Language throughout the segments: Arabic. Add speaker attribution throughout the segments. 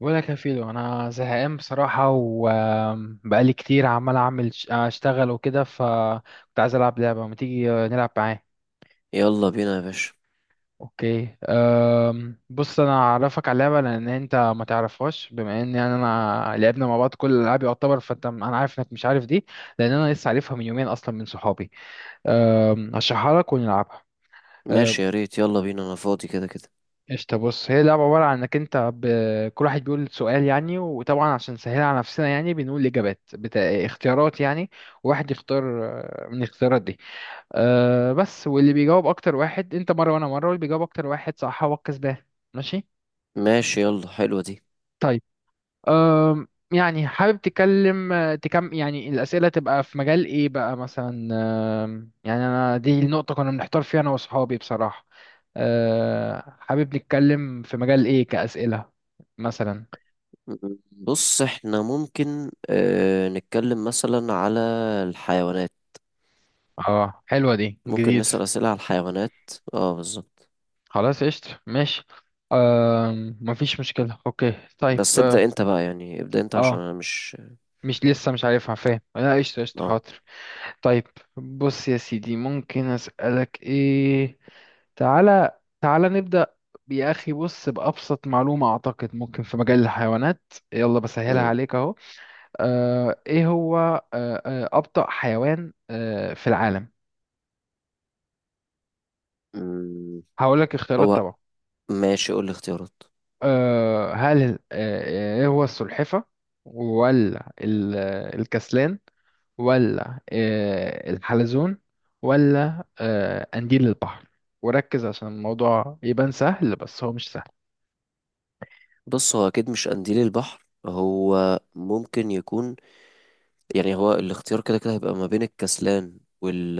Speaker 1: ولا كفيلو، انا زهقان بصراحه وبقالي كتير عمال اعمل اشتغل وكده، فكنت عايز العب لعبه. ما تيجي نلعب معاه؟
Speaker 2: يلا بينا يا باشا.
Speaker 1: اوكي. بص، انا اعرفك على اللعبه لان انت ما تعرفهاش، بما ان يعني انا لعبنا مع بعض كل الالعاب يعتبر، فانت انا عارف انك مش عارف دي. لان انا لسه عارفها من يومين اصلا من صحابي. هشرحها لك ونلعبها. آه،
Speaker 2: ماشي يا ريت، يلا بينا انا فاضي كده كده.
Speaker 1: قشطة. بص، هي اللعبة عبارة عن انك انت كل واحد بيقول سؤال يعني، وطبعا عشان نسهلها على نفسنا يعني بنقول اختيارات يعني، وواحد يختار من الاختيارات دي. بس، واللي بيجاوب اكتر واحد، انت مرة وانا مرة، واللي بيجاوب اكتر واحد صح هو الكسبان. ماشي.
Speaker 2: ماشي يلا، حلوة دي.
Speaker 1: طيب. أم، يعني حابب تتكلم، يعني الأسئلة تبقى في مجال إيه بقى مثلا؟ يعني أنا دي النقطة كنا بنحتار فيها أنا وأصحابي بصراحة. حابب نتكلم في مجال إيه كأسئلة مثلا؟
Speaker 2: م- م. بص احنا ممكن نتكلم مثلا على الحيوانات.
Speaker 1: اه، حلوة دي،
Speaker 2: ممكن
Speaker 1: جديد.
Speaker 2: نسأل أسئلة على الحيوانات. اه بالظبط.
Speaker 1: خلاص قشطة ماشي. مفيش مشكلة، أوكي طيب
Speaker 2: بس ابدأ انت بقى، يعني ابدأ انت عشان
Speaker 1: آه،
Speaker 2: انا مش
Speaker 1: مش لسه مش عارفها، فاهم؟ لا قشطة قشطة
Speaker 2: اه
Speaker 1: حاضر. طيب. بص يا سيدي، ممكن أسألك إيه. تعالى تعالى نبدأ. يا أخي بص، بأبسط معلومة أعتقد ممكن في مجال الحيوانات، يلا بسهلها
Speaker 2: م-
Speaker 1: عليك أهو. إيه هو أبطأ حيوان في العالم؟
Speaker 2: م.
Speaker 1: هقول لك اختيارات
Speaker 2: هو.
Speaker 1: طبعا.
Speaker 2: ماشي قول لي اختيارات.
Speaker 1: آه هل آه آه، إيه هو، السلحفة، ولا الكسلان، ولا الحلزون، ولا قنديل البحر؟ وركز عشان الموضوع يبان سهل، بس هو مش سهل.
Speaker 2: بص هو اكيد مش قنديل البحر، هو ممكن يكون، يعني هو الاختيار كده كده هيبقى ما بين الكسلان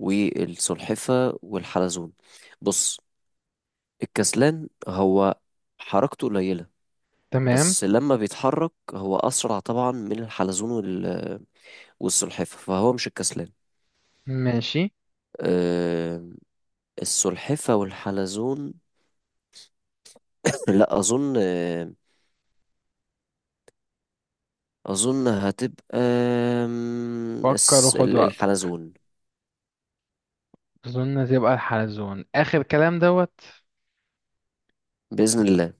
Speaker 2: والسلحفة والحلزون. بص الكسلان هو حركته قليلة،
Speaker 1: تمام.
Speaker 2: بس لما بيتحرك هو أسرع طبعا من الحلزون والسلحفة، فهو مش الكسلان.
Speaker 1: ماشي.
Speaker 2: آه، السلحفة والحلزون، لا أظن، أظن هتبقى،
Speaker 1: فكر وخد وقتك.
Speaker 2: الحلزون
Speaker 1: أظن تبقى الحلزون آخر كلام دوت.
Speaker 2: بإذن الله.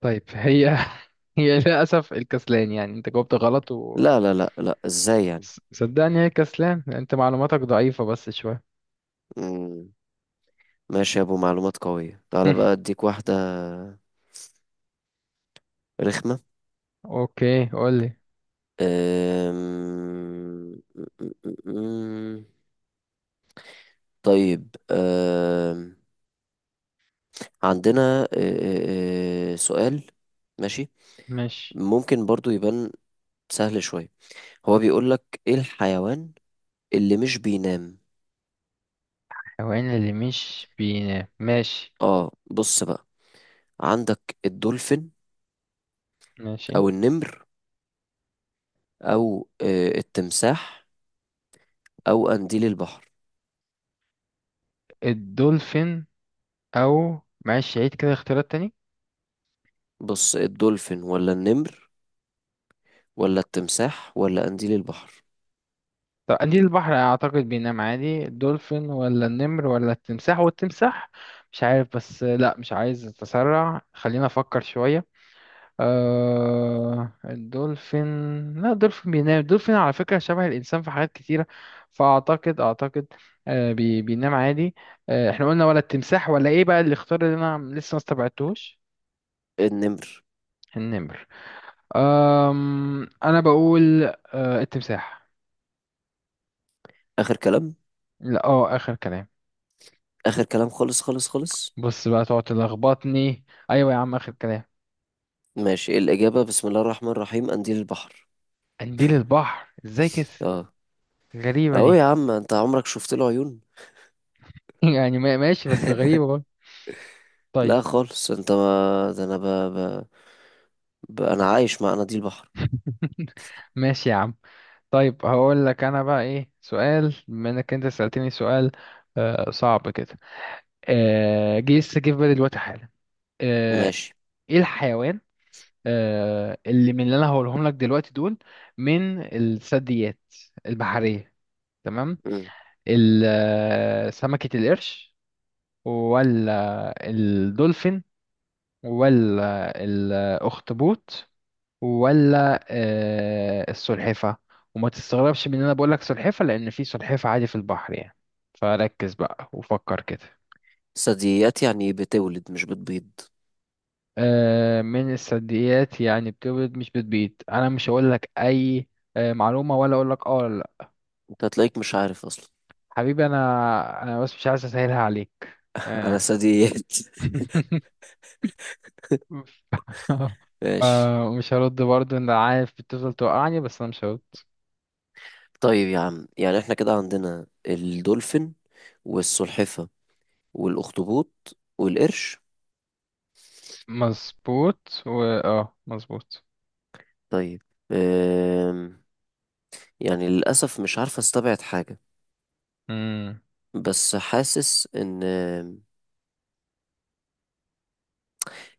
Speaker 1: طيب، هي هي للأسف الكسلان، يعني أنت جاوبت غلط و
Speaker 2: لا لا لا لا، إزاي يعني؟
Speaker 1: صدقني هي الكسلان، أنت معلوماتك ضعيفة بس شوية.
Speaker 2: مم، ماشي يا أبو معلومات قوية، تعالى بقى أديك واحدة رخمة.
Speaker 1: أوكي قولي.
Speaker 2: أم... أم- طيب أم... عندنا أه، أه، أه، سؤال. ماشي.
Speaker 1: ماشي.
Speaker 2: ممكن برضو يبان سهل شوية. هو بيقولك ايه الحيوان اللي مش بينام؟
Speaker 1: الحيوان اللي مش بينام، ماشي.
Speaker 2: اه بص بقى، عندك الدولفين،
Speaker 1: ماشي.
Speaker 2: او النمر، او التمساح، او قنديل البحر.
Speaker 1: الدولفين، أو، معلش عيد كده اختيارات تاني.
Speaker 2: بص الدولفين ولا النمر ولا التمساح ولا قنديل البحر؟
Speaker 1: طب قليل البحر اعتقد بينام عادي، الدولفين ولا النمر ولا التمساح، والتمساح مش عارف، بس لا، مش عايز اتسرع، خلينا افكر شوية. أه الدولفين، لا الدولفين بينام، الدولفين على فكرة شبه الانسان في حاجات كتيرة، فاعتقد اعتقد بينام عادي. احنا قلنا ولا التمساح ولا ايه بقى الاختيار اللي انا لسه ما استبعدتهوش؟
Speaker 2: النمر.
Speaker 1: النمر. انا بقول التمساح.
Speaker 2: اخر كلام.
Speaker 1: لا اخر كلام.
Speaker 2: اخر كلام خالص خالص خالص.
Speaker 1: بص بقى تقعد تلخبطني، ايوه يا عم اخر كلام.
Speaker 2: ماشي إيه الإجابة؟ بسم الله الرحمن الرحيم، قنديل البحر.
Speaker 1: قنديل البحر، ازاي كده؟
Speaker 2: اه.
Speaker 1: غريبه
Speaker 2: اهو يا
Speaker 1: دي.
Speaker 2: عم، انت عمرك شفت له عيون؟
Speaker 1: يعني ماشي، بس غريبه برضه. طيب.
Speaker 2: لا خالص، انت ما ده انا ب... ب... ب... انا عايش مع قناديل البحر.
Speaker 1: ماشي يا عم. طيب هقول لك انا بقى ايه سؤال، بما انك انت سألتني سؤال. صعب كده. جه لسه، جه في بالي دلوقتي حالا. آه
Speaker 2: ماشي.
Speaker 1: ايه الحيوان اللي، من اللي انا هقولهم لك دلوقتي دول، من الثدييات البحرية؟ تمام.
Speaker 2: مم.
Speaker 1: سمكة القرش، ولا الدولفين، ولا الأخطبوط، ولا السلحفة. وما تستغربش من ان انا بقولك سلحفة لان في سلحفة عادي في البحر يعني. فركز بقى وفكر كده.
Speaker 2: ثدييات يعني إيه؟ بتولد مش بتبيض؟
Speaker 1: آه، من الثدييات يعني بتولد مش بتبيض، انا مش هقولك اي معلومة، ولا اقولك ولا لا.
Speaker 2: انت هتلاقيك مش عارف اصلا.
Speaker 1: حبيبي انا بس مش عايز اسهلها عليك.
Speaker 2: انا
Speaker 1: آه.
Speaker 2: ثدييات. ماشي.
Speaker 1: آه، مش هرد برضه، انا عارف بتفضل توقعني بس انا مش هرد.
Speaker 2: طيب يا عم يعني احنا كده عندنا الدولفين والسلحفة والاخطبوط والقرش.
Speaker 1: مظبوط و مظبوط.
Speaker 2: طيب، أم... يعني للأسف مش عارف استبعد حاجة،
Speaker 1: مم.
Speaker 2: بس حاسس ان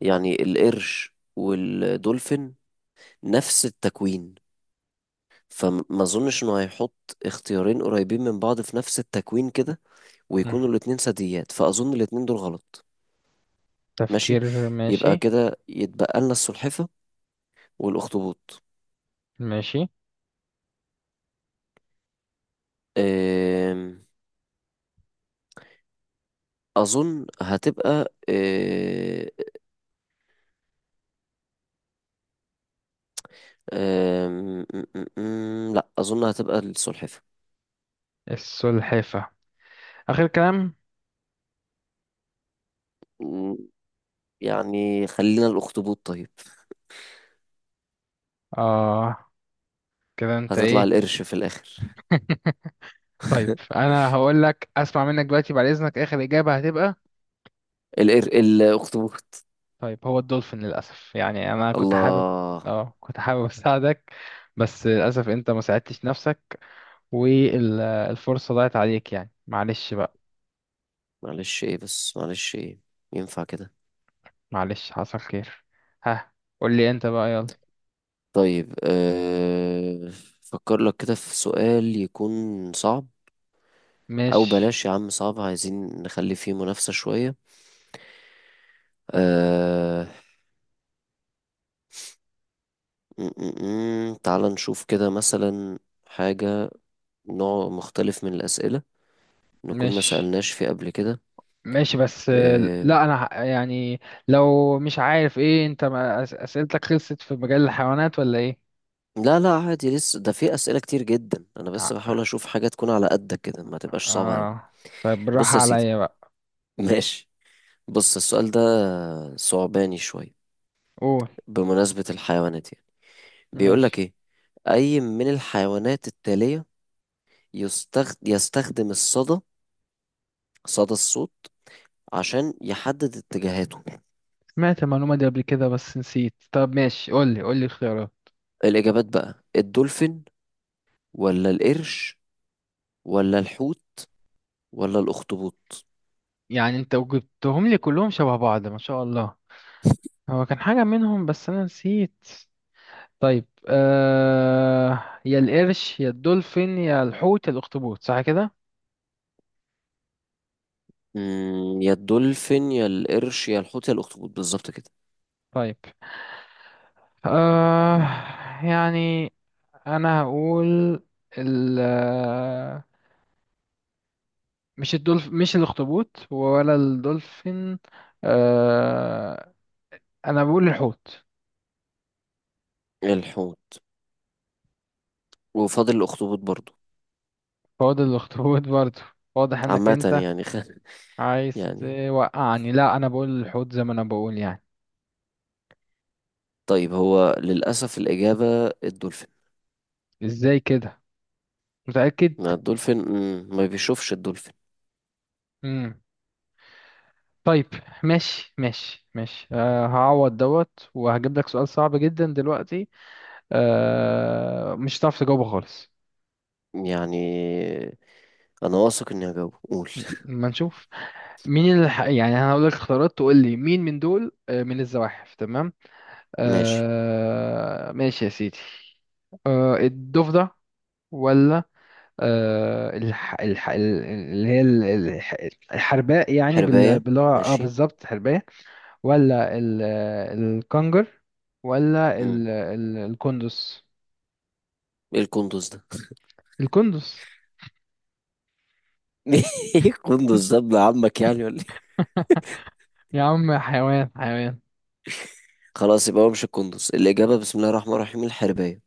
Speaker 2: يعني القرش والدولفين نفس التكوين، فما اظنش انه هيحط اختيارين قريبين من بعض في نفس التكوين كده
Speaker 1: مم.
Speaker 2: ويكونوا الاتنين ثدييات، فاظن الاتنين دول غلط. ماشي.
Speaker 1: تفكير،
Speaker 2: يبقى
Speaker 1: ماشي.
Speaker 2: كده يتبقى لنا السلحفة والاخطبوط.
Speaker 1: ماشي،
Speaker 2: أم، اظن هتبقى أه، أم، م- م- م- لا اظن هتبقى السلحفة.
Speaker 1: السلحفة آخر كلام.
Speaker 2: م، يعني خلينا الاخطبوط طيب.
Speaker 1: اه كده انت
Speaker 2: هتطلع
Speaker 1: ايه؟
Speaker 2: القرش في الاخر.
Speaker 1: طيب انا هقول لك، اسمع منك دلوقتي بعد اذنك، اخر اجابة هتبقى.
Speaker 2: الاخطبوط.
Speaker 1: طيب هو الدولفين للاسف، يعني انا كنت حابب،
Speaker 2: الله.
Speaker 1: اه كنت حابب اساعدك، بس للاسف انت ما ساعدتش نفسك، والفرصة ضاعت عليك يعني، معلش بقى.
Speaker 2: معلش ايه بس، معلش ايه، ينفع كده؟
Speaker 1: معلش حصل خير. ها، قول لي انت بقى يلا.
Speaker 2: طيب فكر لك كده في سؤال يكون صعب. او
Speaker 1: ماشي
Speaker 2: بلاش يا عم صعب، عايزين نخلي فيه منافسة شوية. أه... م- م- م. تعال نشوف كده مثلا حاجة، نوع مختلف من الأسئلة نكون ما
Speaker 1: ماشي
Speaker 2: سألناش فيه قبل كده.
Speaker 1: ماشي، بس
Speaker 2: أه...
Speaker 1: لا انا يعني، لو مش عارف ايه، انت ما أس- اسئلتك خلصت في مجال الحيوانات ولا ايه؟
Speaker 2: لا لا عادي، لسه ده في أسئلة كتير جدا، أنا بس
Speaker 1: ع-
Speaker 2: بحاول أشوف حاجة تكون على قدك كده ما تبقاش صعبة أوي.
Speaker 1: اه طيب
Speaker 2: بص
Speaker 1: بالراحة
Speaker 2: يا سيدي.
Speaker 1: عليا بقى.
Speaker 2: ماشي. بص السؤال ده صعباني شوية.
Speaker 1: قول.
Speaker 2: بمناسبة الحيوانات يعني،
Speaker 1: ماشي.
Speaker 2: بيقولك إيه؟ أي من الحيوانات التالية يستخدم الصدى، صدى الصوت، عشان يحدد اتجاهاته؟
Speaker 1: سمعت المعلومة دي قبل كده بس نسيت، طب ماشي قول لي قول لي الخيارات.
Speaker 2: الإجابات بقى، الدولفين ولا القرش ولا الحوت ولا الأخطبوط؟
Speaker 1: يعني انت جبتهم لي كلهم شبه بعض، ما شاء الله. هو كان حاجة منهم بس انا نسيت. طيب يا القرش يا الدولفين يا الحوت يا الاخطبوط صح كده؟
Speaker 2: يا الدولفين يا القرش يا الحوت يا الأخطبوط، بالظبط كده.
Speaker 1: طيب. آه يعني انا هقول، ال مش مش الاخطبوط ولا الدولفين. آه انا بقول الحوت.
Speaker 2: الحوت وفاضل الأخطبوط برضو.
Speaker 1: هو ده الاخطبوط برضه، واضح انك
Speaker 2: عامة
Speaker 1: انت
Speaker 2: يعني خ...
Speaker 1: عايز
Speaker 2: يعني
Speaker 1: توقعني، لا انا بقول الحوت زي ما انا بقول يعني.
Speaker 2: طيب، هو للأسف الإجابة الدولفين.
Speaker 1: ازاي كده؟ متأكد؟
Speaker 2: ما الدولفين، ما بيشوفش الدولفين.
Speaker 1: امم طيب. ماشي ماشي ماشي هعوض دوت وهجيب لك سؤال صعب جدا دلوقتي. آه، مش هتعرف تجاوبه خالص.
Speaker 2: يعني أنا واثق إني هجاوب، قول.
Speaker 1: ما نشوف. مين اللي يعني انا هقول لك اختيارات تقول لي مين من دول، آه، من الزواحف. تمام.
Speaker 2: ماشي.
Speaker 1: ماشي يا سيدي. الضفدع، ولا آه الح... الح... ال- اللي هي ال- الح... الحرباء يعني
Speaker 2: حرباية.
Speaker 1: باللغة
Speaker 2: ماشي.
Speaker 1: بالظبط حرباء، ولا الكنجر، ولا
Speaker 2: مم.
Speaker 1: الكندس.
Speaker 2: إيه القندوز ده؟
Speaker 1: الكندس،
Speaker 2: إيه القندوز ده، ابن عمك يعني ولا إيه؟
Speaker 1: يا عم حيوان حيوان.
Speaker 2: خلاص، يبقى هو مش القندوز الإجابة. بسم الله الرحمن الرحيم، الحرباية.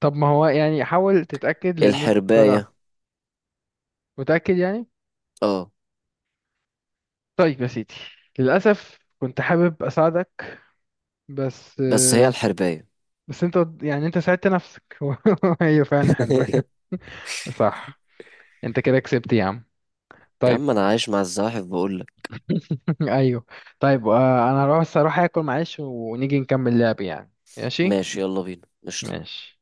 Speaker 1: طب ما هو يعني حاول تتأكد لأن أنت طلع.
Speaker 2: الحرباية.
Speaker 1: متأكد يعني.
Speaker 2: آه.
Speaker 1: طيب يا سيدي، للأسف كنت حابب أساعدك، بس
Speaker 2: بس هي الحرباية.
Speaker 1: بس أنت يعني أنت ساعدت نفسك. هي فعلا حلوة. صح، أنت كده كسبت يا عم.
Speaker 2: يا
Speaker 1: طيب.
Speaker 2: عم أنا عايش مع الزواحف بقول لك.
Speaker 1: أيوه. طيب أنا هروح بس أروح آكل معلش ونيجي نكمل لعب يعني، ماشي؟
Speaker 2: ماشي يلا بينا، قشطة.
Speaker 1: ماشي.